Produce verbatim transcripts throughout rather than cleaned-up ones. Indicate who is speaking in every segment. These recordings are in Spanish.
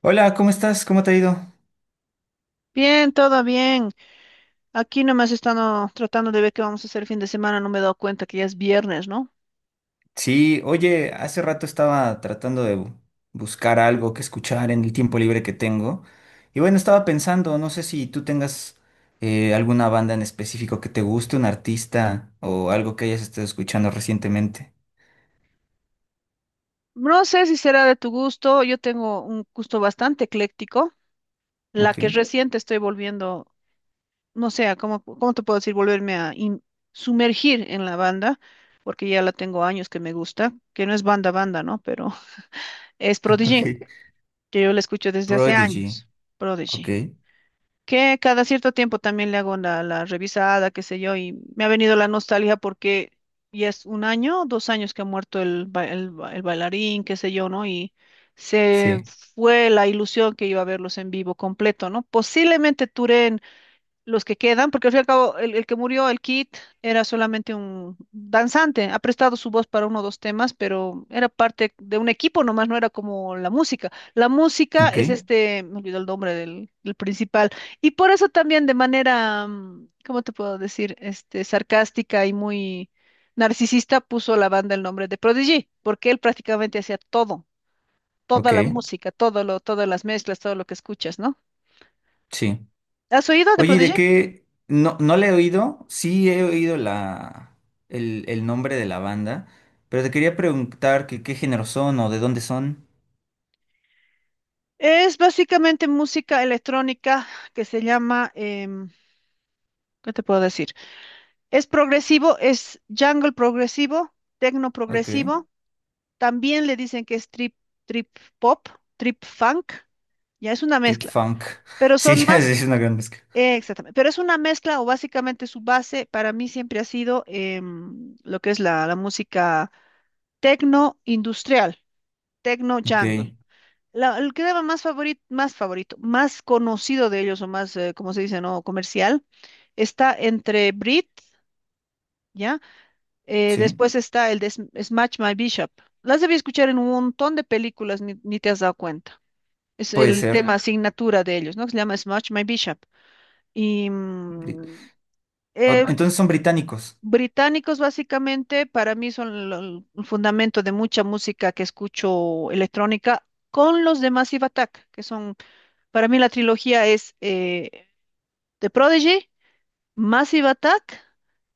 Speaker 1: Hola, ¿cómo estás? ¿Cómo te ha ido?
Speaker 2: Bien, todo bien. Aquí nomás están oh, tratando de ver qué vamos a hacer el fin de semana. No me he dado cuenta que ya es viernes, ¿no?
Speaker 1: Sí, oye, hace rato estaba tratando de bu- buscar algo que escuchar en el tiempo libre que tengo. Y bueno, estaba pensando, no sé si tú tengas eh, alguna banda en específico que te guste, un artista o algo que hayas estado escuchando recientemente.
Speaker 2: No sé si será de tu gusto. Yo tengo un gusto bastante ecléctico. La
Speaker 1: Ok.
Speaker 2: que reciente estoy volviendo, no sé, a ¿cómo, cómo te puedo decir? Volverme a in- sumergir en la banda, porque ya la tengo años que me gusta, que no es banda banda, ¿no? Pero es
Speaker 1: Ok.
Speaker 2: Prodigy, que yo la escucho desde hace
Speaker 1: Prodigy,
Speaker 2: años.
Speaker 1: ok.
Speaker 2: Prodigy, que cada cierto tiempo también le hago la, la revisada, qué sé yo, y me ha venido la nostalgia porque ya es un año, dos años que ha muerto el, ba- el, ba- el bailarín, qué sé yo, ¿no? Y se
Speaker 1: Sí,
Speaker 2: fue la ilusión que iba a verlos en vivo completo, ¿no? Posiblemente Touré los que quedan, porque al fin y al cabo el, el que murió, el Kid, era solamente un danzante, ha prestado su voz para uno o dos temas, pero era parte de un equipo nomás, no era como la música. La música
Speaker 1: ok,
Speaker 2: es este, me olvidó el nombre del, del principal, y por eso también de manera, mm, ¿cómo te puedo decir? Este, sarcástica y muy narcisista puso a la banda el nombre de Prodigy, porque él prácticamente hacía todo, toda
Speaker 1: ok,
Speaker 2: la música, todo lo, todas las mezclas, todo lo que escuchas, ¿no?
Speaker 1: sí.
Speaker 2: ¿Has oído de
Speaker 1: Oye, ¿y de
Speaker 2: Prodigy?
Speaker 1: qué? No, no le he oído, sí he oído la, el, el nombre de la banda, pero te quería preguntar que qué género son o de dónde son.
Speaker 2: Es básicamente música electrónica que se llama, em, ¿qué te puedo decir? Es progresivo, es jungle progresivo, techno
Speaker 1: Ok,
Speaker 2: progresivo. También le dicen que es trip, trip pop, trip funk. Ya es una
Speaker 1: Trip
Speaker 2: mezcla,
Speaker 1: Funk.
Speaker 2: pero
Speaker 1: Sí,
Speaker 2: son
Speaker 1: es
Speaker 2: más,
Speaker 1: es una gran mezcla.
Speaker 2: eh, exactamente, pero es una mezcla o básicamente su base para mí siempre ha sido em, lo que es la, la música techno industrial, techno
Speaker 1: Ok,
Speaker 2: jungle. La, el crema más favorito, más favorito, más conocido de ellos o más, eh, como se dice, no comercial, está entre Brit, ¿ya? Eh,
Speaker 1: sí,
Speaker 2: después está el de Sm- Smash My Bishop. Las debí escuchar en un montón de películas, ni, ni te has dado cuenta. Es
Speaker 1: puede
Speaker 2: el
Speaker 1: ser.
Speaker 2: tema Ya. asignatura de ellos, ¿no? Que se llama Smash My Bishop. Y
Speaker 1: Bri-
Speaker 2: mm,
Speaker 1: o-
Speaker 2: eh, Ah,
Speaker 1: Entonces son británicos.
Speaker 2: británicos, básicamente, para mí son lo- el fundamento de mucha música que escucho electrónica con los de Massive Attack, que son. Para mí la trilogía es eh, The Prodigy, Massive Attack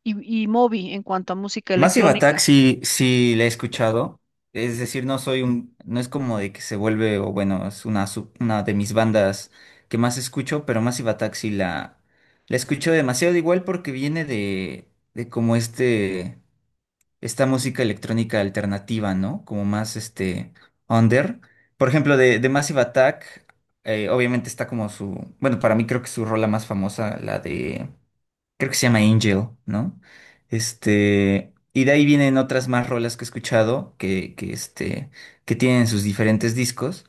Speaker 2: y, y Moby en cuanto a música
Speaker 1: Massive Attack
Speaker 2: electrónica.
Speaker 1: sí, sí la he escuchado. Es decir, no soy un, no es como de que se vuelve, o bueno, es una, sub- una de mis bandas que más escucho, pero Massive Attack sí la, la escucho demasiado, igual porque viene de, de como este, esta música electrónica alternativa, ¿no? Como más este, under. Por ejemplo, de, de Massive Attack, eh, obviamente está como su, bueno, para mí creo que su rola más famosa, la de creo que se llama Angel, ¿no? Este, y de ahí vienen otras más rolas que he escuchado que, que, este, que tienen sus diferentes discos.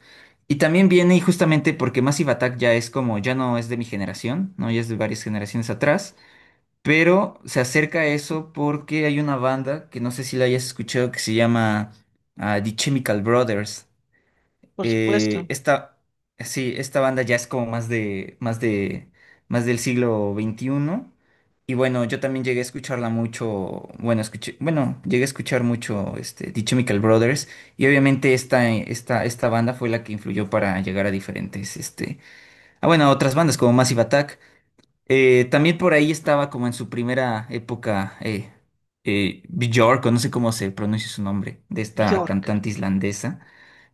Speaker 1: Y también viene, y justamente porque Massive Attack ya es como, ya no es de mi generación, ¿no? Ya es de varias generaciones atrás, pero se acerca a eso porque hay una banda que no sé si la hayas escuchado que se llama ah, The Chemical Brothers.
Speaker 2: Por
Speaker 1: Eh,
Speaker 2: supuesto.
Speaker 1: esta, sí, esta banda ya es como más de, más de, más del siglo veintiuno. Y bueno, yo también llegué a escucharla mucho, bueno, escuché, bueno, llegué a escuchar mucho este, The Chemical Brothers. Y obviamente esta, esta, esta banda fue la que influyó para llegar a diferentes, este, ah, bueno, a otras bandas como Massive Attack. Eh, también por ahí estaba como en su primera época, eh, eh, Björk, o no sé cómo se pronuncia su nombre, de esta
Speaker 2: Bjork.
Speaker 1: cantante islandesa.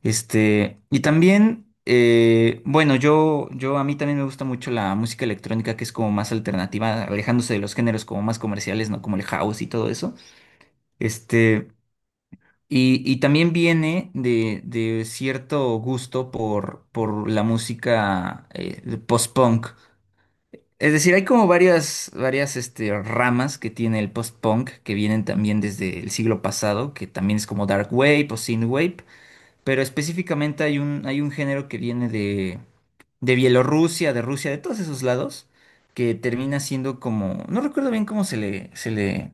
Speaker 1: Este, y también, eh, bueno, yo, yo a mí también me gusta mucho la música electrónica que es como más alternativa, alejándose de los géneros como más comerciales, ¿no? Como el house y todo eso. Este, y, y también viene de, de cierto gusto por, por la música eh, post-punk. Es decir, hay como varias, varias este, ramas que tiene el post-punk que vienen también desde el siglo pasado, que también es como dark wave o synth wave pero específicamente hay un, hay un género que viene de, de Bielorrusia, de Rusia, de todos esos lados, que termina siendo como, no recuerdo bien cómo se le, se le,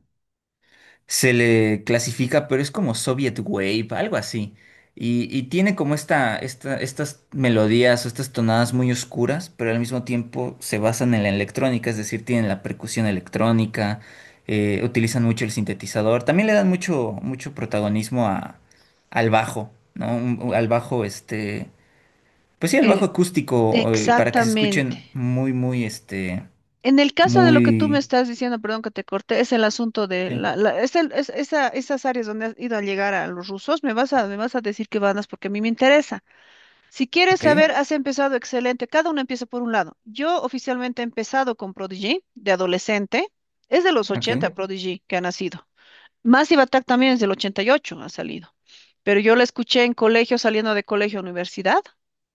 Speaker 1: se le clasifica, pero es como Soviet Wave, algo así. Y, y tiene como esta, esta, estas melodías o estas tonadas muy oscuras, pero al mismo tiempo se basan en la electrónica, es decir, tienen la percusión electrónica, eh, utilizan mucho el sintetizador, también le dan mucho, mucho protagonismo a, al bajo, ¿no? Un- al bajo, este, pues sí, al bajo
Speaker 2: Eh,
Speaker 1: acústico, eh, para que se escuchen
Speaker 2: exactamente.
Speaker 1: muy, muy, este,
Speaker 2: En el caso de lo que tú me
Speaker 1: muy...
Speaker 2: estás diciendo, perdón que te corté, es el asunto de
Speaker 1: Sí,
Speaker 2: la, la- es el- es- esa- esas áreas donde has ido a llegar a los rusos, me vas a, me vas a decir que van porque a mí me interesa. Si quieres
Speaker 1: ok,
Speaker 2: saber, has empezado excelente. Cada uno empieza por un lado. Yo oficialmente he empezado con Prodigy de adolescente. Es de los
Speaker 1: ok,
Speaker 2: ochenta Prodigy que ha nacido. Massive Attack también es del ochenta y ocho, ha salido. Pero yo la escuché en colegio, saliendo de colegio a universidad,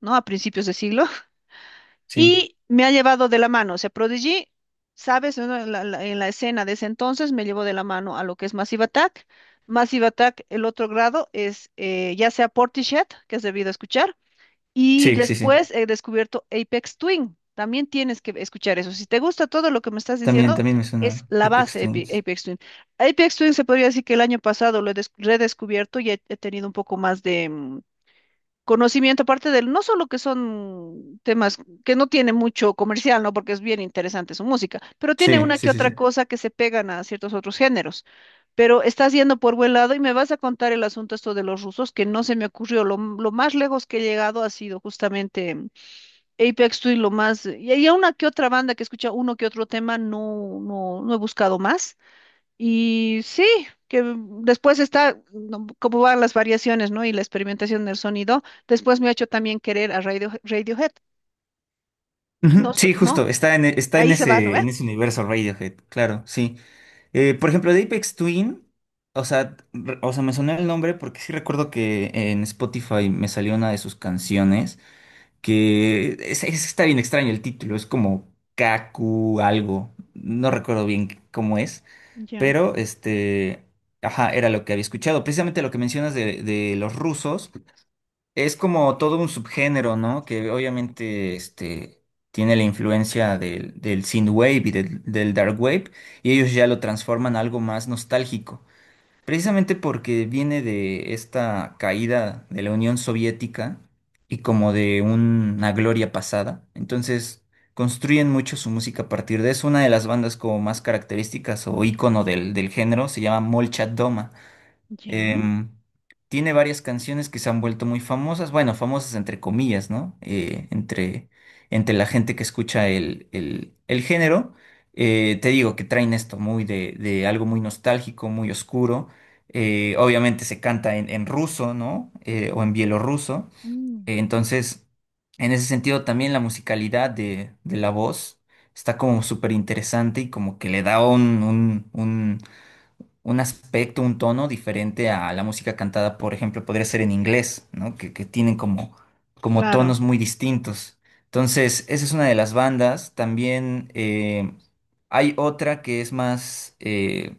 Speaker 2: ¿no? A principios de siglo.
Speaker 1: sí,
Speaker 2: Y me ha llevado de la mano. O sea, Prodigy, sabes, ¿no? En la, la- en la escena de ese entonces me llevó de la mano a lo que es Massive Attack. Massive Attack, el otro grado es eh, ya sea Portishead, que has debido escuchar, y
Speaker 1: sí, sí, sí.
Speaker 2: después he descubierto Apex Twin. También tienes que escuchar eso. Si te gusta todo lo que me estás
Speaker 1: También,
Speaker 2: diciendo,
Speaker 1: también me suena
Speaker 2: es la
Speaker 1: Apex
Speaker 2: base de Ape-
Speaker 1: Twins.
Speaker 2: Apex Twin. Apex Twin se podría decir que el año pasado lo he des- redescubierto y he, he tenido un poco más de, mm, conocimiento, aparte del, no solo que son temas que no tiene mucho comercial, ¿no? Porque es bien interesante su música, pero tiene
Speaker 1: Sí,
Speaker 2: una
Speaker 1: sí,
Speaker 2: que
Speaker 1: sí, sí.
Speaker 2: otra cosa que se pegan a ciertos otros géneros. Pero estás yendo por buen lado y me vas a contar el asunto esto de los rusos, que no se me ocurrió. Lo, m- lo más lejos que he llegado ha sido justamente mm, Apex Twin, lo más. Y hay una que otra banda que escucha uno que otro tema, no, no, no he buscado más. Y sí, que después está no, cómo van las variaciones, ¿no? Y la experimentación del sonido. Después me ha hecho también querer a Radio, Radiohead.
Speaker 1: Ujú,
Speaker 2: No, so-
Speaker 1: sí,
Speaker 2: no,
Speaker 1: justo, está en, e- está en
Speaker 2: ahí se va, ¿no
Speaker 1: ese, en
Speaker 2: ve?
Speaker 1: ese universo Radiohead, claro, sí. Eh, por ejemplo, de Apex Twin, o sea, re- o sea, me sonó el nombre porque sí recuerdo que en Spotify me salió una de sus canciones que es- es- está bien extraño el título, es como Kaku algo, no recuerdo bien cómo es,
Speaker 2: Ya,
Speaker 1: pero este, ajá, era lo que había escuchado. Precisamente lo que mencionas de, de los rusos. Es como todo un subgénero, ¿no? Que obviamente este, tiene la influencia del, del synthwave y del, del dark wave, y ellos ya lo transforman a algo más nostálgico. Precisamente porque viene de esta caída de la Unión Soviética y como de una gloria pasada. Entonces construyen mucho su música a partir de eso. Una de las bandas como más características o ícono del, del género se llama Molchat Doma.
Speaker 2: ya,
Speaker 1: Em, tiene varias canciones que se han vuelto muy famosas, bueno, famosas entre comillas, ¿no? Eh, entre, entre la gente que escucha el, el- el género. Eh, te digo que traen esto muy de, de algo muy nostálgico, muy oscuro. Eh, obviamente se canta en, en ruso, ¿no? Eh, o en bielorruso.
Speaker 2: mm,
Speaker 1: Eh, entonces, en ese sentido, también la musicalidad de, de la voz está como súper interesante y como que le da un, un, un un aspecto, un tono diferente a la música cantada, por ejemplo, podría ser en inglés, ¿no? Que, que tienen como, como
Speaker 2: claro,
Speaker 1: tonos muy distintos. Entonces, esa es una de las bandas. También eh, hay otra que es más, eh,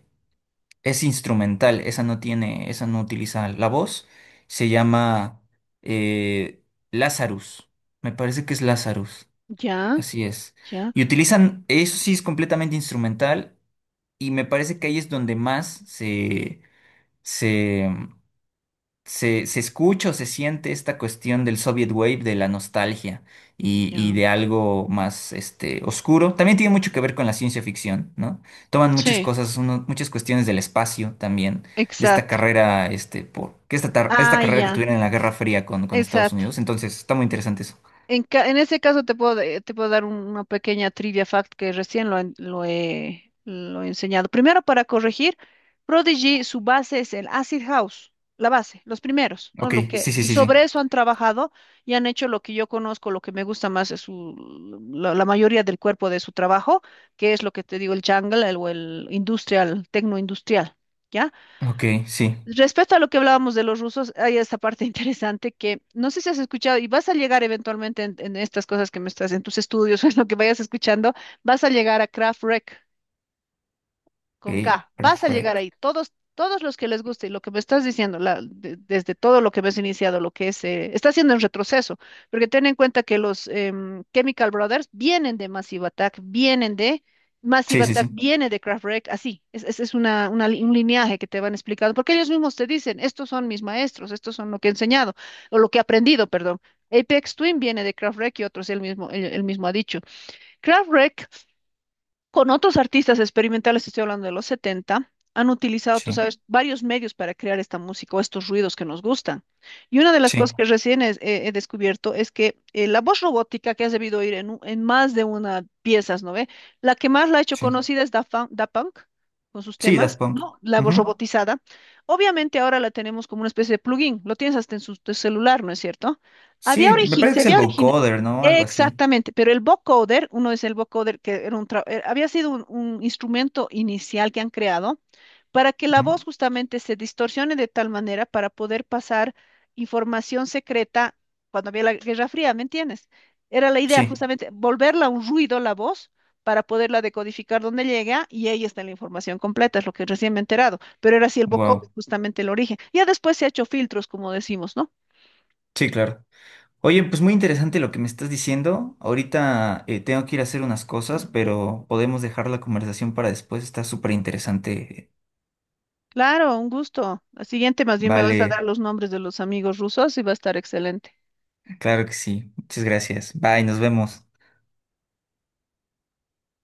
Speaker 1: es instrumental, esa no tiene, esa no utiliza la voz. Se llama eh, Lazarus. Me parece que es Lazarus.
Speaker 2: ya,
Speaker 1: Así es.
Speaker 2: ya,
Speaker 1: Y utilizan, eso sí es completamente instrumental y me parece que ahí es donde más se, se, se, se escucha o se siente esta cuestión del Soviet Wave, de la nostalgia y, y
Speaker 2: ya.
Speaker 1: de algo más este, oscuro. También tiene mucho que ver con la ciencia ficción, ¿no? Toman muchas
Speaker 2: Sí.
Speaker 1: cosas, uno- muchas cuestiones del espacio también, de esta
Speaker 2: Exacto.
Speaker 1: carrera, este, por, que esta, tar- esta
Speaker 2: Ah,
Speaker 1: carrera que
Speaker 2: ya,
Speaker 1: tuvieron en la Guerra Fría con, con Estados
Speaker 2: exacto.
Speaker 1: Unidos. Entonces, está muy interesante eso.
Speaker 2: En, ca- en ese caso te puedo, de- te puedo dar un- una pequeña trivia fact que recién lo, en- lo he, lo he enseñado. Primero, para corregir, Prodigy, su base es el Acid House, la base, los primeros, ¿no?
Speaker 1: Ok,
Speaker 2: Lo que,
Speaker 1: sí, sí,
Speaker 2: y
Speaker 1: sí, sí.
Speaker 2: sobre eso han trabajado y han hecho lo que yo conozco, lo que me gusta más es su, la, la mayoría del cuerpo de su trabajo, que es lo que te digo, el jungle el- o el industrial, tecno industrial.
Speaker 1: Ok, sí.
Speaker 2: Respecto a lo que hablábamos de los rusos, hay esta parte interesante que no sé si has escuchado y vas a llegar eventualmente en, en, estas cosas que me estás, en tus estudios o en lo que vayas escuchando, vas a llegar a Kraftwerk con
Speaker 1: Ok,
Speaker 2: K. Vas a llegar
Speaker 1: perfecto.
Speaker 2: ahí. Todos, todos los que les guste y lo que me estás diciendo, la- de- desde todo lo que me has iniciado, lo que es, eh, está haciendo en retroceso, porque ten en cuenta que los em, Chemical Brothers vienen de Massive Attack, vienen de
Speaker 1: Sí,
Speaker 2: Massive. Sí.
Speaker 1: sí,
Speaker 2: Attack,
Speaker 1: sí.
Speaker 2: viene de Kraftwerk, así. Es, es, es una, una li- un lineaje que te van explicando, porque ellos mismos te dicen, estos son mis maestros, estos son lo que he enseñado, o lo que he aprendido, perdón. Apex Twin viene de Kraftwerk y otros, él mismo, él él mismo ha dicho. Kraftwerk con otros artistas experimentales, estoy hablando de los setenta, han utilizado, tú
Speaker 1: Sí,
Speaker 2: sabes, varios medios para crear esta música o estos ruidos que nos gustan. Y una de las cosas
Speaker 1: sí,
Speaker 2: que recién es- he, he descubierto es que eh, la voz robótica que has debido oír en, u- en más de una piezas, ¿no ve? La que más la ha hecho
Speaker 1: sí.
Speaker 2: conocida es Da Fun- Da Punk, con sus
Speaker 1: Sí, Daft
Speaker 2: temas,
Speaker 1: Punk.
Speaker 2: ¿no? La voz
Speaker 1: Ujú.
Speaker 2: robotizada. Obviamente ahora la tenemos como una especie de plugin, lo tienes hasta en su tu celular, ¿no es cierto? Había
Speaker 1: Sí, me
Speaker 2: origi-
Speaker 1: parece que
Speaker 2: se
Speaker 1: es el
Speaker 2: había
Speaker 1: vocoder, ¿no? Algo así.
Speaker 2: Exactamente, pero el vocoder, uno es el vocoder que era un tra- eh, había sido un, un instrumento inicial que han creado para que la
Speaker 1: Ujú.
Speaker 2: voz justamente se distorsione de tal manera para poder pasar información secreta cuando había la Guerra Fría, ¿me entiendes? Era la idea
Speaker 1: Sí,
Speaker 2: justamente volverla un ruido la voz para poderla decodificar donde llega y ahí está la información completa, es lo que recién me he enterado, pero era así el vocoder,
Speaker 1: wow.
Speaker 2: justamente el origen. Ya después se ha hecho filtros, como decimos, ¿no?
Speaker 1: Sí, claro. Oye, pues muy interesante lo que me estás diciendo. Ahorita eh, tengo que ir a hacer unas cosas, pero podemos dejar la conversación para después. Está súper interesante.
Speaker 2: Claro, un gusto. La siguiente más bien me vas a dar
Speaker 1: Vale,
Speaker 2: los nombres de los amigos rusos y va a estar excelente.
Speaker 1: claro que sí. Muchas gracias. Bye, nos vemos.